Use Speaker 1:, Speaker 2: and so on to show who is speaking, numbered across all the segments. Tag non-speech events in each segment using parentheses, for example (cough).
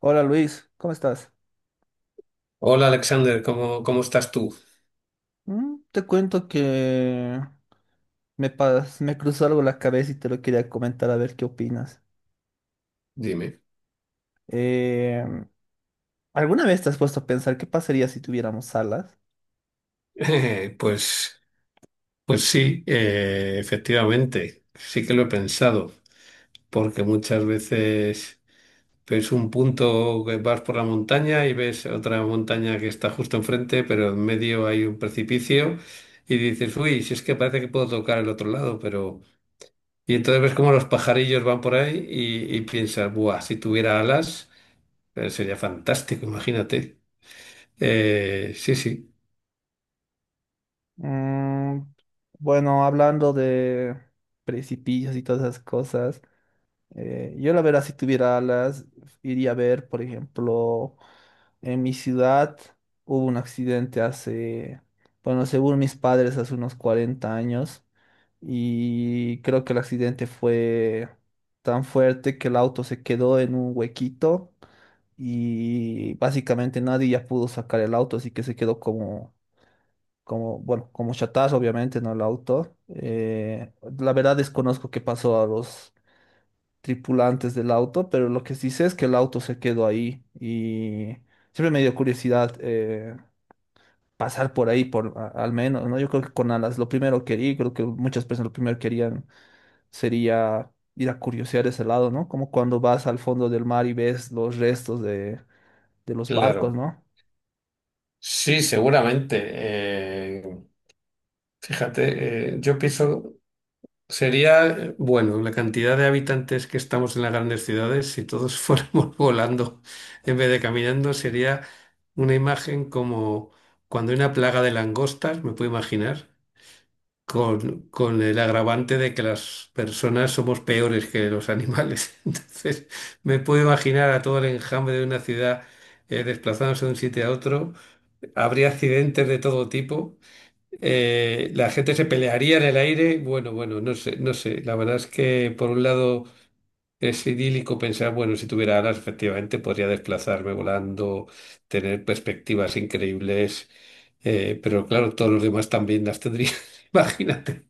Speaker 1: Hola Luis, ¿cómo estás?
Speaker 2: Hola Alexander, ¿cómo estás tú?
Speaker 1: Te cuento que me cruzó algo la cabeza y te lo quería comentar a ver qué opinas.
Speaker 2: Dime. (laughs)
Speaker 1: Eh, ¿Alguna vez te has puesto a pensar qué pasaría si tuviéramos alas?
Speaker 2: Eh, pues, pues sí, efectivamente, sí que lo he pensado, porque muchas veces ves un punto que vas por la montaña y ves otra montaña que está justo enfrente, pero en medio hay un precipicio y dices, uy, si es que parece que puedo tocar el otro lado, pero... Y entonces ves cómo los pajarillos van por ahí y piensas, buah, si tuviera alas, sería fantástico, imagínate. Sí, sí,
Speaker 1: Mm. Bueno, hablando de precipicios y todas esas cosas, yo la verdad si tuviera alas iría a ver, por ejemplo, en mi ciudad hubo un accidente bueno, según mis padres, hace unos 40 años, y creo que el accidente fue tan fuerte que el auto se quedó en un huequito y básicamente nadie ya pudo sacar el auto, así que se quedó bueno, como chatarra, obviamente, ¿no? El auto. La verdad desconozco qué pasó a los tripulantes del auto, pero lo que sí sé es que el auto se quedó ahí y siempre me dio curiosidad. Pasar por ahí, al menos, ¿no? Yo creo que con alas, lo primero que quería, creo que muchas personas lo primero querían sería ir a curiosear ese lado, ¿no? Como cuando vas al fondo del mar y ves los restos de los barcos,
Speaker 2: claro.
Speaker 1: ¿no?
Speaker 2: Sí, seguramente. Fíjate, yo pienso, sería, bueno, la cantidad de habitantes que estamos en las grandes ciudades, si todos (laughs) fuéramos volando en vez de caminando, sería una imagen como cuando hay una plaga de langostas, me puedo imaginar, con el agravante de que las personas somos peores que los animales. (laughs) Entonces, me puedo imaginar a todo el enjambre de una ciudad desplazándose de un sitio a otro. Habría accidentes de todo tipo. La gente se pelearía en el aire. Bueno, bueno, no sé, no sé. La verdad es que por un lado es idílico pensar, bueno, si tuviera alas, efectivamente podría desplazarme volando, tener perspectivas increíbles. Pero claro, todos los demás también las tendría. (laughs) Imagínate.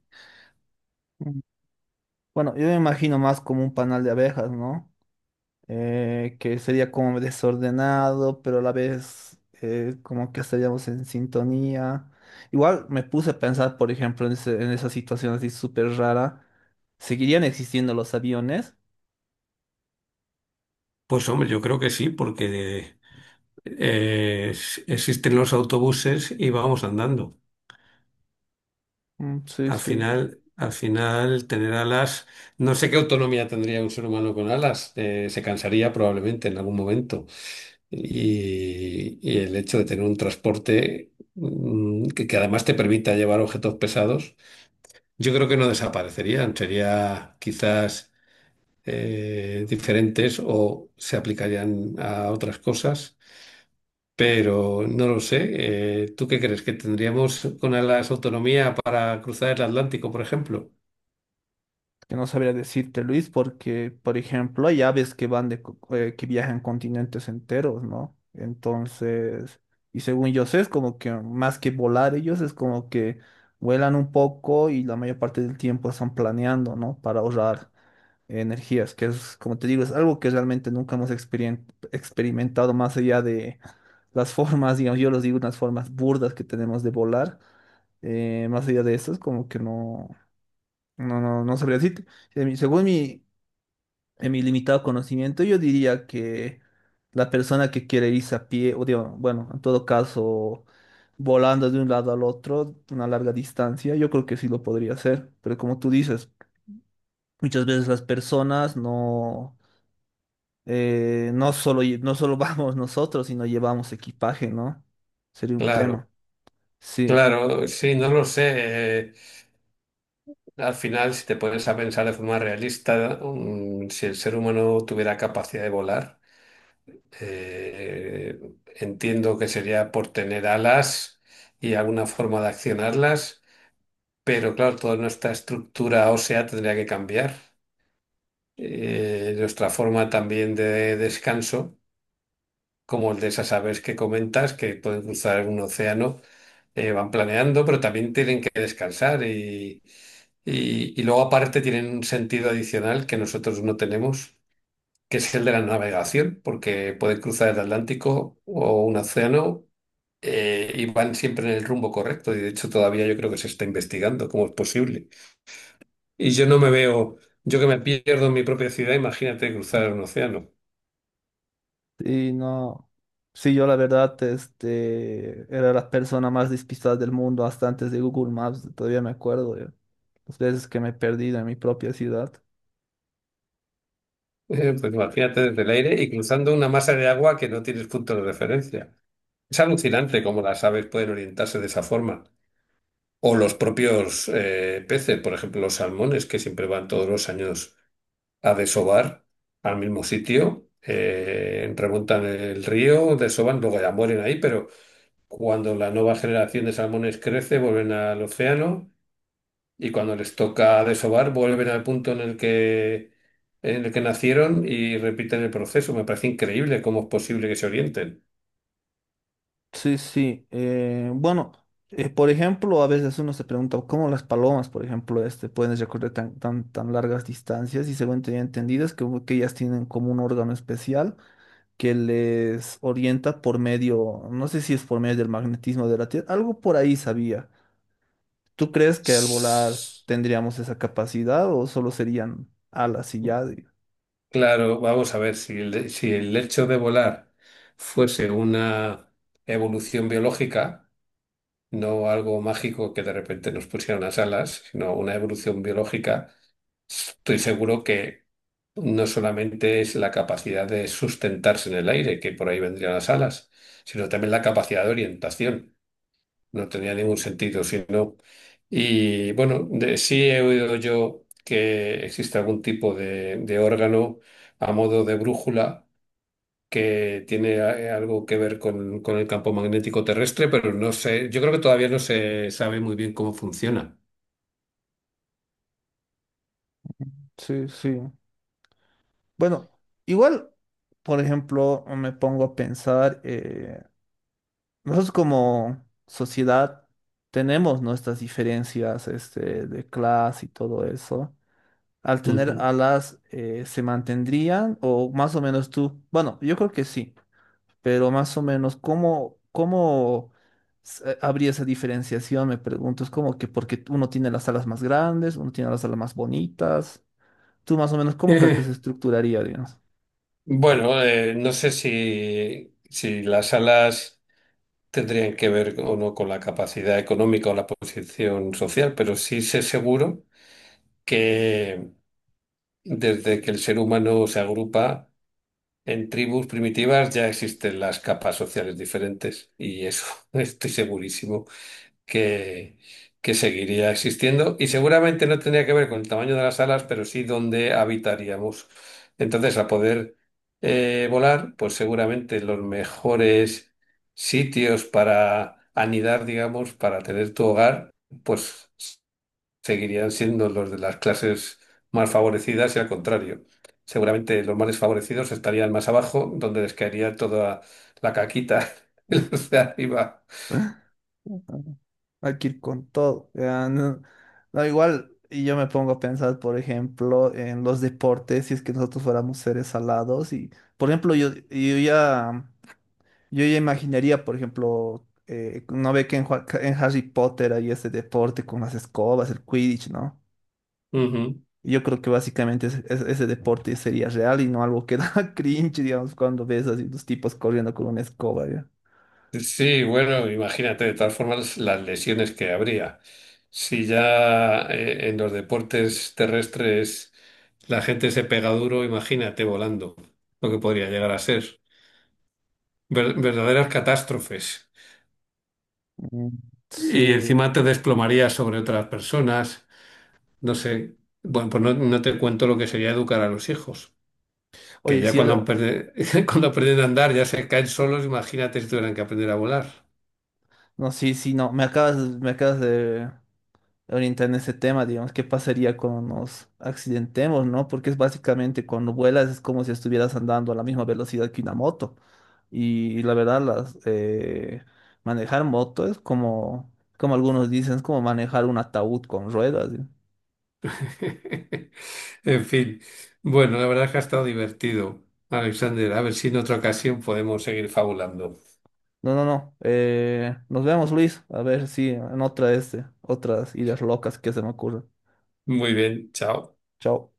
Speaker 1: Mm. Bueno, yo me imagino más como un panal de abejas, ¿no? Que sería como desordenado, pero a la vez como que estaríamos en sintonía. Igual me puse a pensar, por ejemplo, en esa situación así súper rara. ¿Seguirían existiendo los aviones?
Speaker 2: Pues hombre, yo creo que sí, porque existen los autobuses y vamos andando.
Speaker 1: Mm, sí, sí.
Speaker 2: Al final, tener alas, no sé qué autonomía tendría un ser humano con alas, se cansaría probablemente en algún momento. Y el hecho de tener un transporte que además te permita llevar objetos pesados, yo creo que no desaparecerían, sería quizás diferentes o se aplicarían a otras cosas, pero no lo sé. ¿Tú qué crees? ¿Que tendríamos con alas autonomía para cruzar el Atlántico, por ejemplo?
Speaker 1: Que no sabría decirte, Luis, porque, por ejemplo, hay aves que van que viajan continentes enteros, ¿no? Entonces, y según yo sé, es como que más que volar ellos, es como que vuelan un poco y la mayor parte del tiempo están planeando, ¿no? Para ahorrar energías, que es, como te digo, es algo que realmente nunca hemos experimentado más allá de las (laughs) formas, digamos, yo los digo unas formas burdas que tenemos de volar. Más allá de eso, es como que no. No, no, no sabría decirte. Según mi, en mi limitado conocimiento, yo diría que la persona que quiere irse a pie, o digo, bueno, en todo caso, volando de un lado al otro, una larga distancia, yo creo que sí lo podría hacer. Pero como tú dices, muchas veces las personas no, no solo, no solo (laughs) vamos nosotros, sino llevamos equipaje, ¿no? Sería un
Speaker 2: Claro.
Speaker 1: tema. Sí.
Speaker 2: Claro, sí, no lo sé. Al final, si te pones a pensar de forma realista, si el ser humano tuviera capacidad de volar, entiendo que sería por tener alas y alguna forma de accionarlas, pero claro, toda nuestra estructura ósea tendría que cambiar, nuestra forma también de descanso. Como el de esas aves que comentas, que pueden cruzar un océano, van planeando, pero también tienen que descansar y luego aparte tienen un sentido adicional que nosotros no tenemos, que es el de la navegación, porque pueden cruzar el Atlántico o un océano. Y van siempre en el rumbo correcto y de hecho todavía yo creo que se está investigando cómo es posible. Y yo no me veo, yo que me pierdo en mi propia ciudad, imagínate cruzar un océano.
Speaker 1: Y no, sí, yo la verdad, este, era la persona más despistada del mundo hasta antes de Google Maps, todavía me acuerdo de las veces que me he perdido en mi propia ciudad.
Speaker 2: Pues imagínate desde el aire y cruzando una masa de agua que no tienes punto de referencia. Es alucinante cómo las aves pueden orientarse de esa forma. O los propios peces, por ejemplo, los salmones, que siempre van todos los años a desovar al mismo sitio, remontan el río, desovan, luego ya mueren ahí, pero cuando la nueva generación de salmones crece, vuelven al océano y cuando les toca desovar, vuelven al punto en el que nacieron y repiten el proceso. Me parece increíble cómo es posible que se orienten.
Speaker 1: Sí, sí, bueno, por ejemplo, a veces uno se pregunta cómo las palomas, por ejemplo, este, pueden recorrer tan largas distancias, y según tenía entendido es que ellas tienen como un órgano especial que les orienta por medio, no sé si es por medio del magnetismo de la Tierra, algo por ahí sabía. ¿Tú crees que al volar tendríamos esa capacidad o solo serían alas y ya?
Speaker 2: Claro, vamos a ver, si el hecho de volar fuese una evolución biológica, no algo mágico que de repente nos pusieran las alas, sino una evolución biológica. Estoy seguro que no solamente es la capacidad de sustentarse en el aire, que por ahí vendrían las alas, sino también la capacidad de orientación. No tenía ningún sentido, sino... Y bueno, sí he oído yo que existe algún tipo de órgano a modo de brújula que tiene algo que ver con el campo magnético terrestre, pero no sé, yo creo que todavía no se sabe muy bien cómo funciona.
Speaker 1: Sí, sí. Bueno, igual, por ejemplo, me pongo a pensar, nosotros como sociedad tenemos nuestras diferencias, este, de clase y todo eso. Al tener
Speaker 2: Ujú.
Speaker 1: alas, ¿se mantendrían? O más o menos tú. Bueno, yo creo que sí. Pero más o menos, ¿cómo habría esa diferenciación? Me pregunto, es como que porque uno tiene las alas más grandes, uno tiene las alas más bonitas. Tú más o menos, ¿cómo crees que se
Speaker 2: (laughs)
Speaker 1: estructuraría, digamos?
Speaker 2: Bueno, no sé si las salas tendrían que ver o no con la capacidad económica o la posición social, pero sí sé seguro que desde que el ser humano se agrupa en tribus primitivas ya existen las capas sociales diferentes y eso (laughs) estoy segurísimo que, que seguiría existiendo y seguramente no tendría que ver con el tamaño de las alas, pero sí donde habitaríamos. Entonces, al poder volar, pues seguramente los mejores sitios para anidar, digamos, para tener tu hogar, pues seguirían siendo los de las clases más favorecidas y al contrario. Seguramente los más desfavorecidos estarían más abajo, donde les caería toda la caquita, (laughs) y los de arriba.
Speaker 1: Ujú. Hay que ir con todo. Ya, no, no, igual, y yo me pongo a pensar, por ejemplo, en los deportes, si es que nosotros fuéramos seres alados, y, por ejemplo, yo ya... Yo ya imaginaría, por ejemplo, no ve que en Harry Potter hay ese deporte con las escobas, el Quidditch, ¿no?
Speaker 2: Ujú.
Speaker 1: Y yo creo que básicamente ese deporte sería real y no algo que (laughs) da cringe, digamos, cuando ves así los tipos corriendo con una escoba, ¿ya?
Speaker 2: Sí, bueno, imagínate, de todas formas, las lesiones que habría. Si ya en los deportes terrestres la gente se pega duro, imagínate volando, lo que podría llegar a ser. Verdaderas catástrofes.
Speaker 1: Mm.
Speaker 2: Y
Speaker 1: Sí.
Speaker 2: encima te desplomarías sobre otras personas. No sé. Bueno, pues no, no te cuento lo que sería educar a los hijos, que
Speaker 1: Oye,
Speaker 2: ya
Speaker 1: sí,
Speaker 2: cuando,
Speaker 1: ahora,
Speaker 2: (laughs) cuando aprenden a andar ya se caen solos, imagínate si tuvieran que aprender a volar.
Speaker 1: no, sí, sí, no, me acabas de orientar en ese tema, digamos, qué pasaría cuando nos accidentemos, ¿no? Porque es básicamente cuando vuelas es como si estuvieras andando a la misma velocidad que una moto. Y la verdad, manejar moto es como, como algunos dicen, es como manejar un ataúd con ruedas. ¿Sí?
Speaker 2: (laughs) En fin, bueno, la verdad es que ha estado divertido, Alexander. A ver si en otra ocasión podemos seguir fabulando.
Speaker 1: No, no, no. Nos vemos, Luis. A ver si en otra este, otras ideas locas que se me ocurren.
Speaker 2: Muy bien, chao.
Speaker 1: Chao.